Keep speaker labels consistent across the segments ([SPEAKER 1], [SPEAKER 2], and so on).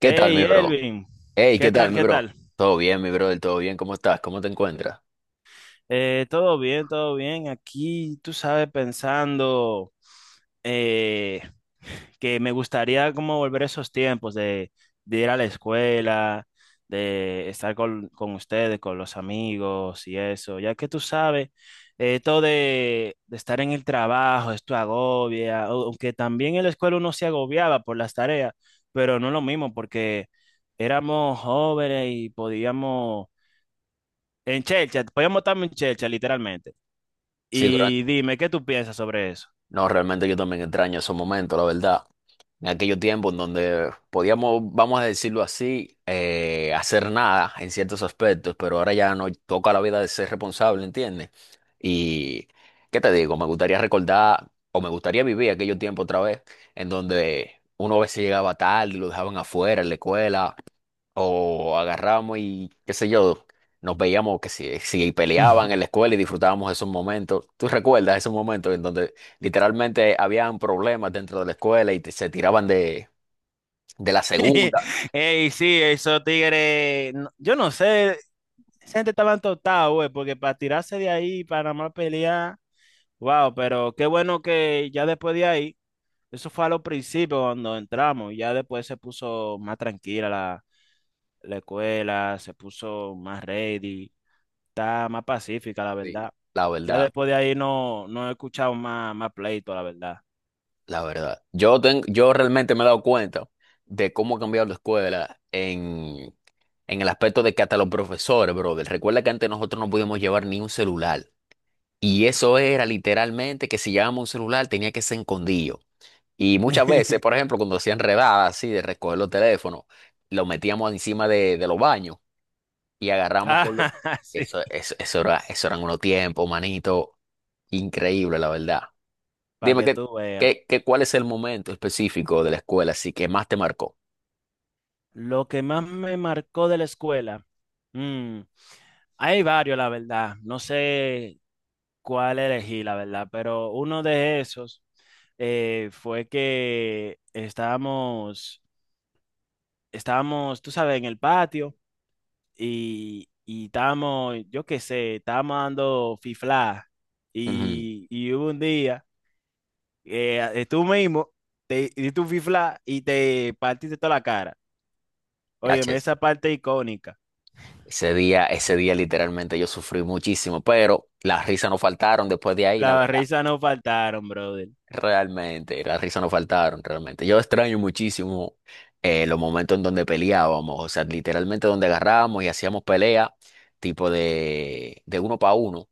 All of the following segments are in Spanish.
[SPEAKER 1] ¿Qué tal, mi
[SPEAKER 2] Hey,
[SPEAKER 1] bro?
[SPEAKER 2] Elvin,
[SPEAKER 1] Hey,
[SPEAKER 2] ¿qué
[SPEAKER 1] ¿qué tal,
[SPEAKER 2] tal?
[SPEAKER 1] mi
[SPEAKER 2] ¿Qué
[SPEAKER 1] bro?
[SPEAKER 2] tal?
[SPEAKER 1] Todo bien, mi bro, del todo bien. ¿Cómo estás? ¿Cómo te encuentras?
[SPEAKER 2] Todo bien, todo bien. Aquí, tú sabes, pensando eh, que me gustaría como volver a esos tiempos de ir a la escuela, de estar con ustedes, con los amigos y eso, ya que tú sabes, esto de estar en el trabajo, esto agobia, aunque también en la escuela uno se agobiaba por las tareas, pero no lo mismo porque éramos jóvenes y podíamos. En chelcha, voy a en chelcha, literalmente.
[SPEAKER 1] Sí, durante...
[SPEAKER 2] Y dime, ¿qué tú piensas sobre eso?
[SPEAKER 1] No, realmente yo también extraño esos momentos, la verdad. En aquellos tiempos en donde podíamos, vamos a decirlo así, hacer nada en ciertos aspectos, pero ahora ya nos toca la vida de ser responsable, ¿entiendes? Y, ¿qué te digo? Me gustaría recordar, o me gustaría vivir aquellos tiempos otra vez, en donde uno a veces llegaba tarde, lo dejaban afuera en la escuela. O agarrábamos y qué sé yo, nos veíamos que si peleaban en la escuela y disfrutábamos esos momentos. ¿Tú recuerdas esos momentos en donde literalmente habían problemas dentro de la escuela y se tiraban de la segunda?
[SPEAKER 2] Ey, sí, esos tigres, yo no sé, esa gente estaba entortada, güey, porque para tirarse de ahí, para nada más pelear. Wow, pero qué bueno que ya después de ahí, eso fue a los principios cuando entramos, y ya después se puso más tranquila la escuela, se puso más ready, está más pacífica, la
[SPEAKER 1] Sí,
[SPEAKER 2] verdad.
[SPEAKER 1] la
[SPEAKER 2] Ya
[SPEAKER 1] verdad,
[SPEAKER 2] después de ahí no, no he escuchado más pleito, la verdad.
[SPEAKER 1] la verdad. Yo, yo realmente me he dado cuenta de cómo ha cambiado la escuela en el aspecto de que hasta los profesores, brother, recuerda que antes nosotros no podíamos llevar ni un celular. Y eso era literalmente que si llevábamos un celular tenía que ser escondido. Y muchas veces, por ejemplo, cuando hacían redadas así de recoger los teléfonos, los metíamos encima de los baños y agarramos con los...
[SPEAKER 2] Ah, sí,
[SPEAKER 1] Eso era, eso eran unos tiempos, manito, increíble, la verdad.
[SPEAKER 2] para
[SPEAKER 1] Dime,
[SPEAKER 2] que
[SPEAKER 1] ¿qué,
[SPEAKER 2] tú veas.
[SPEAKER 1] qué, qué- cuál es el momento específico de la escuela así que más te marcó?
[SPEAKER 2] Lo que más me marcó de la escuela. mm, hay varios, la verdad. No sé cuál elegí, la verdad, pero uno de esos fue que estábamos, tú sabes, en el patio y estábamos, yo qué sé, estábamos dando fifla.
[SPEAKER 1] Ujú.
[SPEAKER 2] Y hubo un día. Tú mismo te diste un fifla y te partiste toda la cara. Óyeme,
[SPEAKER 1] Yache,
[SPEAKER 2] esa parte icónica.
[SPEAKER 1] ese día, ese día literalmente yo sufrí muchísimo, pero las risas no faltaron después de ahí, la
[SPEAKER 2] Las
[SPEAKER 1] verdad.
[SPEAKER 2] risas no faltaron, brother.
[SPEAKER 1] Realmente, las risas no faltaron, realmente. Yo extraño muchísimo los momentos en donde peleábamos, o sea, literalmente donde agarrábamos y hacíamos pelea, tipo de uno para uno,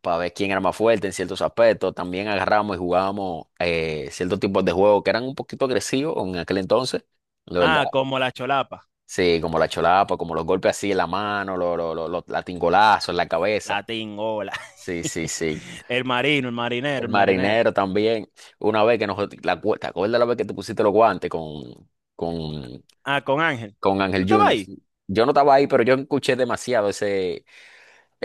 [SPEAKER 1] para ver quién era más fuerte en ciertos aspectos. También agarrábamos y jugábamos ciertos tipos de juegos que eran un poquito agresivos en aquel entonces, la verdad.
[SPEAKER 2] Ah, como la cholapa,
[SPEAKER 1] Sí, como la cholapa, como los golpes así en la mano, los latigazos en la
[SPEAKER 2] la
[SPEAKER 1] cabeza.
[SPEAKER 2] tingola.
[SPEAKER 1] Sí, sí, sí.
[SPEAKER 2] El marino, el marinero,
[SPEAKER 1] El
[SPEAKER 2] el marinero.
[SPEAKER 1] marinero también. Una vez que nos... La, ¿te acuerdas la vez que te pusiste los guantes con,
[SPEAKER 2] Ah, con Ángel.
[SPEAKER 1] con
[SPEAKER 2] ¿Tú
[SPEAKER 1] Ángel
[SPEAKER 2] estabas
[SPEAKER 1] Junior?
[SPEAKER 2] ahí?
[SPEAKER 1] Sí. Yo no estaba ahí, pero yo escuché demasiado ese,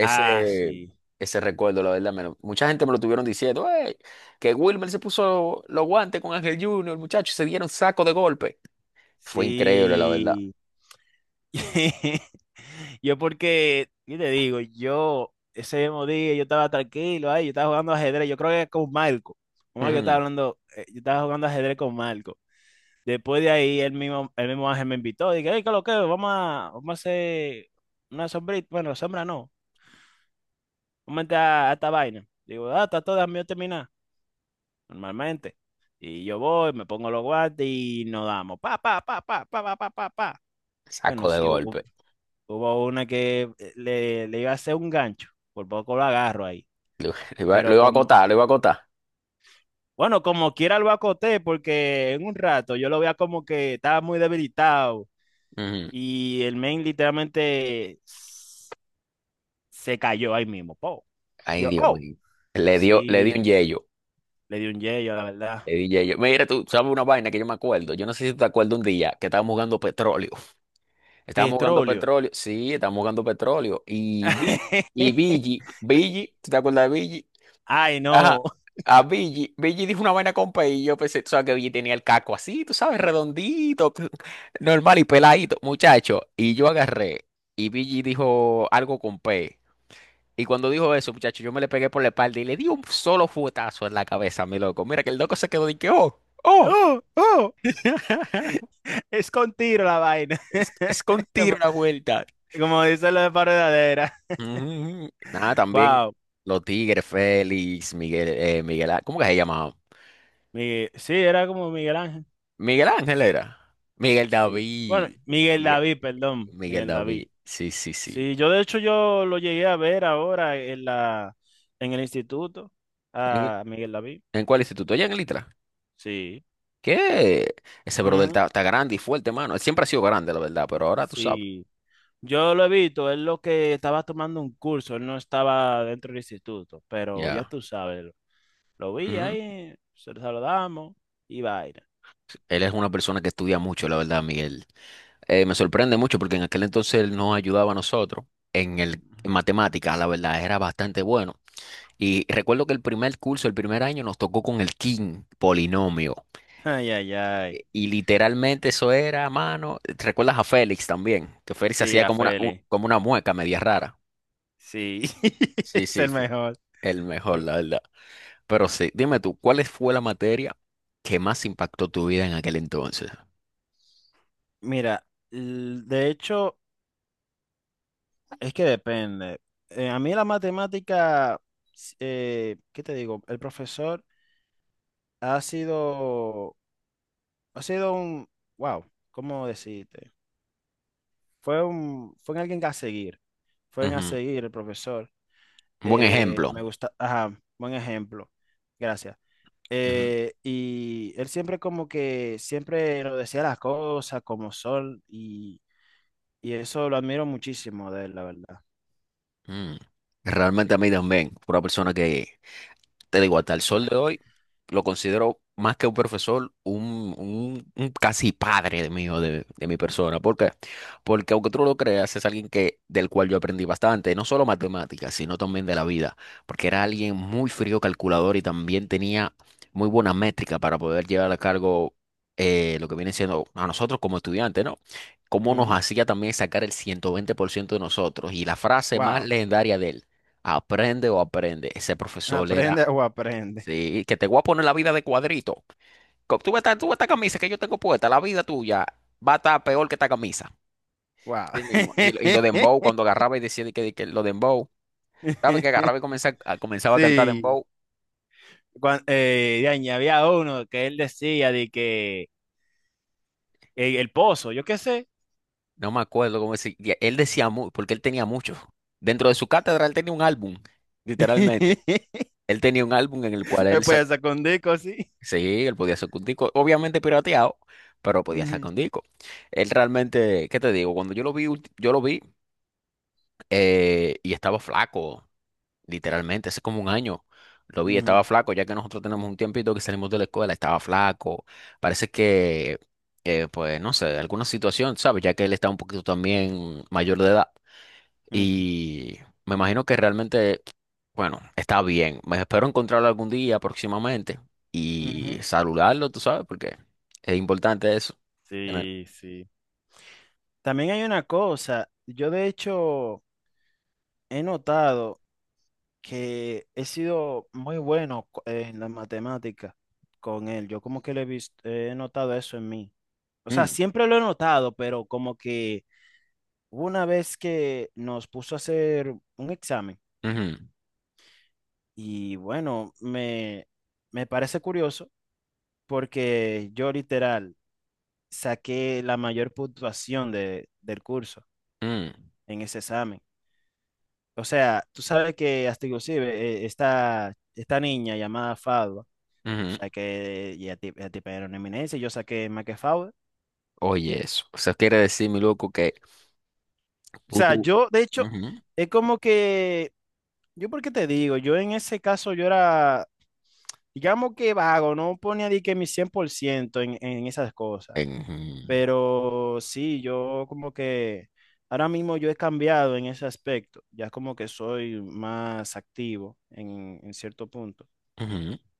[SPEAKER 2] Ah, sí.
[SPEAKER 1] ese recuerdo, la verdad. Mucha gente me lo estuvieron diciendo, "Ey, que Wilmer se puso los guantes con Ángel Junior, muchachos, y se dieron saco de golpe. Fue increíble, la verdad".
[SPEAKER 2] Sí. Yo porque, ¿qué te digo? Yo ese mismo día yo estaba tranquilo ahí, yo estaba jugando ajedrez, yo creo que con Marco. Con Marco yo estaba
[SPEAKER 1] Ujú.
[SPEAKER 2] hablando, yo estaba jugando ajedrez con Marco. Después de ahí el mismo Ángel me invitó, dije, hey, ¿qué es lo que? Vamos a hacer una sombrita, bueno, sombra no, vamos a entrar a esta vaina. Digo, ah, está todo mío terminar, normalmente. Y yo voy, me pongo los guantes y nos damos, pa, pa, pa, pa, pa, pa, pa, pa, pa.
[SPEAKER 1] Saco
[SPEAKER 2] Bueno,
[SPEAKER 1] de
[SPEAKER 2] sí,
[SPEAKER 1] golpe.
[SPEAKER 2] hubo una que le iba a hacer un gancho, por poco lo agarro ahí.
[SPEAKER 1] Lo
[SPEAKER 2] Pero
[SPEAKER 1] iba a
[SPEAKER 2] como,
[SPEAKER 1] acotar, lo iba a acotar.
[SPEAKER 2] bueno, como quiera lo acoté, porque en un rato yo lo veía como que estaba muy debilitado
[SPEAKER 1] Ujú.
[SPEAKER 2] y el main literalmente se cayó ahí mismo. Po.
[SPEAKER 1] Ay,
[SPEAKER 2] Yo,
[SPEAKER 1] Dios
[SPEAKER 2] oh,
[SPEAKER 1] mío. Le dio un
[SPEAKER 2] sí,
[SPEAKER 1] yeyo.
[SPEAKER 2] le di un yello, la verdad.
[SPEAKER 1] Le di ya. Mira, tú sabes una vaina que yo me acuerdo. Yo no sé si tú te acuerdas un día que estábamos jugando petróleo. Estábamos jugando
[SPEAKER 2] Petróleo.
[SPEAKER 1] petróleo. Sí, estábamos jugando petróleo. Y vi, y Billy, Billy, ¿tú te acuerdas de Billy?
[SPEAKER 2] Ay,
[SPEAKER 1] Ajá.
[SPEAKER 2] no.
[SPEAKER 1] A Billy, Billy dijo una vaina con P y yo pensé, tú sabes que Billy tenía el caco así, tú sabes, redondito, normal y peladito, muchacho. Y yo agarré y Billy dijo algo con P. Y cuando dijo eso, muchacho, yo me le pegué por la espalda y le di un solo fuetazo en la cabeza, mi loco. Mira que el loco se quedó de que, oh. ¡Oh!
[SPEAKER 2] Oh, oh, es con tiro la vaina.
[SPEAKER 1] Es con
[SPEAKER 2] Como,
[SPEAKER 1] tiro la vuelta.
[SPEAKER 2] como dice la de paredadera.
[SPEAKER 1] Mm, nada, también
[SPEAKER 2] Wow.
[SPEAKER 1] los Tigres, Félix, Miguel, Miguel, ¿cómo que se llamaba?
[SPEAKER 2] Miguel, sí, era como Miguel Ángel.
[SPEAKER 1] Miguel Ángel era. Miguel
[SPEAKER 2] Sí. Bueno,
[SPEAKER 1] David.
[SPEAKER 2] Miguel
[SPEAKER 1] Miguel,
[SPEAKER 2] David, perdón,
[SPEAKER 1] Miguel
[SPEAKER 2] Miguel David.
[SPEAKER 1] David. Sí, sí, sí.
[SPEAKER 2] Sí, yo de hecho yo lo llegué a ver ahora en el instituto
[SPEAKER 1] ¿En,
[SPEAKER 2] a Miguel David.
[SPEAKER 1] en cuál instituto? Allá en el Itra.
[SPEAKER 2] Sí.
[SPEAKER 1] ¿Qué? Ese brother
[SPEAKER 2] Ujú.
[SPEAKER 1] está, está grande y fuerte, mano. Él siempre ha sido grande, la verdad, pero ahora tú sabes.
[SPEAKER 2] Sí. Yo lo he visto, él lo que estaba tomando un curso, él no estaba dentro del instituto, pero ya
[SPEAKER 1] Ya.
[SPEAKER 2] tú sabes, lo vi ahí, se lo saludamos y vaina.
[SPEAKER 1] Él es una persona que estudia mucho, la verdad, Miguel. Me sorprende mucho porque en aquel entonces él nos ayudaba a nosotros en el en matemáticas, la verdad, era bastante bueno. Y recuerdo que el primer curso, el primer año, nos tocó con el king polinomio.
[SPEAKER 2] Ay, ay, ay.
[SPEAKER 1] Y literalmente eso era, mano. ¿Te ¿Recuerdas a Félix también? Que Félix
[SPEAKER 2] Sí,
[SPEAKER 1] hacía
[SPEAKER 2] a
[SPEAKER 1] como una,
[SPEAKER 2] Feli.
[SPEAKER 1] como una mueca media rara.
[SPEAKER 2] Sí,
[SPEAKER 1] Sí,
[SPEAKER 2] es
[SPEAKER 1] sí,
[SPEAKER 2] el
[SPEAKER 1] sí.
[SPEAKER 2] mejor.
[SPEAKER 1] El mejor, la verdad. Pero sí, dime tú, ¿cuál fue la materia que más impactó tu vida en aquel entonces?
[SPEAKER 2] Mira, de hecho, es que depende. A mí la matemática, ¿qué te digo? El profesor ha sido, ha sido un, wow, ¿cómo decirte? Fue alguien a seguir. Fue a
[SPEAKER 1] Ujú.
[SPEAKER 2] seguir el profesor.
[SPEAKER 1] Un buen
[SPEAKER 2] Eh,
[SPEAKER 1] ejemplo.
[SPEAKER 2] me gusta, ajá, buen ejemplo. Gracias. Y él siempre como que, siempre lo decía las cosas como son y eso lo admiro muchísimo de él, la verdad.
[SPEAKER 1] Mm. Realmente a mí también, fue una persona que, te digo, hasta el sol de hoy lo considero más que un profesor, un, un casi padre de mío, de mi persona. ¿Por qué? Porque aunque tú no lo creas, es alguien que, del cual yo aprendí bastante, no solo matemáticas, sino también de la vida, porque era alguien muy frío calculador y también tenía muy buena métrica para poder llevar a cargo lo que viene siendo a nosotros como estudiantes, ¿no? Cómo nos
[SPEAKER 2] Ujú.
[SPEAKER 1] hacía también sacar el 120% de nosotros. Y la frase más
[SPEAKER 2] Wow.
[SPEAKER 1] legendaria de él, aprende o aprende, ese profesor era.
[SPEAKER 2] Aprende o aprende.
[SPEAKER 1] Sí, que te voy a poner la vida de cuadrito. Tú ves esta camisa que yo tengo puesta, la vida tuya va a estar peor que esta camisa.
[SPEAKER 2] Wow.
[SPEAKER 1] Sí mismo. Y, y lo de Dembow, cuando agarraba y decía de que lo de Dembow, ¿sabes? Que agarraba y comenzaba, a, comenzaba a cantar
[SPEAKER 2] Sí.
[SPEAKER 1] Dembow.
[SPEAKER 2] De ahí había uno que él decía de que el pozo, yo qué sé.
[SPEAKER 1] No me acuerdo cómo decía. Él decía, porque él tenía muchos. Dentro de su cátedra, él tenía un álbum, literalmente. Él tenía un álbum en el cual él,
[SPEAKER 2] Después sacó un disco así.
[SPEAKER 1] sí, él podía sacar un disco, obviamente pirateado, pero podía sacar un disco. Él realmente, ¿qué te digo? Cuando yo lo vi, yo lo vi. Y estaba flaco, literalmente, hace como un año. Lo vi, estaba
[SPEAKER 2] Ujú,
[SPEAKER 1] flaco, ya que nosotros tenemos un tiempito que salimos de la escuela, estaba flaco. Parece que, pues, no sé, alguna situación, ¿sabes? Ya que él está un poquito también mayor de edad.
[SPEAKER 2] ujú, ujú,
[SPEAKER 1] Y me imagino que realmente, bueno, está bien. Me espero encontrarlo algún día próximamente y
[SPEAKER 2] ujú.
[SPEAKER 1] saludarlo, tú sabes, porque es importante eso. Tener-
[SPEAKER 2] Sí, sí. También hay una cosa, yo de hecho he notado que he sido muy bueno en la matemática con él. Yo como que lo he visto, he notado eso en mí. O sea,
[SPEAKER 1] Mm,
[SPEAKER 2] siempre lo he notado, pero como que hubo una vez que nos puso a hacer un examen
[SPEAKER 1] ujú,
[SPEAKER 2] y bueno, me parece curioso porque yo literal saqué la mayor puntuación del curso
[SPEAKER 1] mm,
[SPEAKER 2] en ese examen. O sea, tú sabes que hasta inclusive esta niña llamada Fadwa.
[SPEAKER 1] ujú.
[SPEAKER 2] Saqué ya tipo era una eminencia, yo saqué Fowler.
[SPEAKER 1] Oye, eso. O sea, quiere decir, mi loco, que
[SPEAKER 2] O
[SPEAKER 1] tú,
[SPEAKER 2] sea,
[SPEAKER 1] tú.
[SPEAKER 2] yo, de hecho,
[SPEAKER 1] Ujú,
[SPEAKER 2] es como que, yo por qué te digo, yo en ese caso yo era, digamos que vago, no ponía de que mi 100% en esas cosas.
[SPEAKER 1] en-
[SPEAKER 2] Pero sí, yo como que ahora mismo yo he cambiado en ese aspecto, ya como que soy más activo en cierto punto.
[SPEAKER 1] ujú, ujú.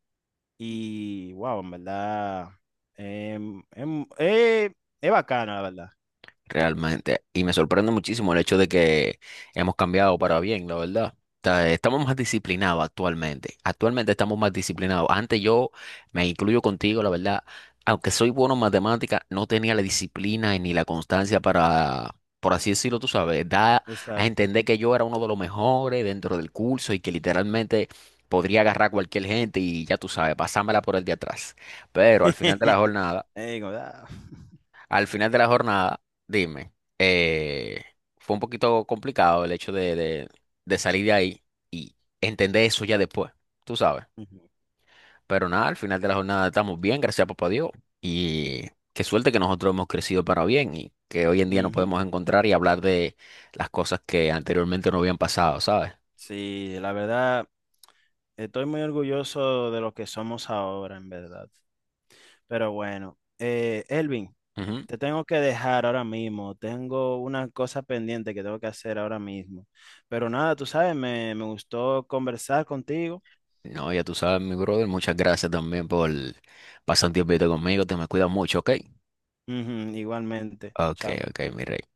[SPEAKER 2] Y wow, en verdad, em, em, eh, es bacano, la verdad.
[SPEAKER 1] Realmente. Y me sorprende muchísimo el hecho de que hemos cambiado para bien, la verdad. O estamos más disciplinados actualmente. Actualmente estamos más disciplinados. Antes yo me incluyo contigo, la verdad. Aunque soy bueno en matemática, no tenía la disciplina y ni la constancia para, por así decirlo, tú sabes, da a
[SPEAKER 2] Exacto.
[SPEAKER 1] entender que yo era uno de los mejores dentro del curso y que literalmente podría agarrar a cualquier gente y ya tú sabes, pasármela por el de atrás. Pero al final de la jornada
[SPEAKER 2] Ey, ah.
[SPEAKER 1] al final de la jornada, dime, eh, fue un poquito complicado el hecho de, de salir de ahí y entender eso ya después, tú sabes.
[SPEAKER 2] Ujú,
[SPEAKER 1] Pero nada, al final de la jornada estamos bien, gracias a papá Dios. Y qué suerte que nosotros hemos crecido para bien y que hoy en día nos
[SPEAKER 2] ujú.
[SPEAKER 1] podemos encontrar y hablar de las cosas que anteriormente no habían pasado, ¿sabes?
[SPEAKER 2] Sí, la verdad, estoy muy orgulloso de lo que somos ahora, en verdad. Pero bueno, Elvin,
[SPEAKER 1] Ujú.
[SPEAKER 2] te tengo que dejar ahora mismo. Tengo una cosa pendiente que tengo que hacer ahora mismo. Pero nada, tú sabes, me gustó conversar contigo.
[SPEAKER 1] No, ya tú sabes, mi brother, muchas gracias también por pasar un tiempito conmigo, te me cuidas mucho, ¿ok?
[SPEAKER 2] Ujú, igualmente.
[SPEAKER 1] Ok,
[SPEAKER 2] Chao.
[SPEAKER 1] ok, mi rey.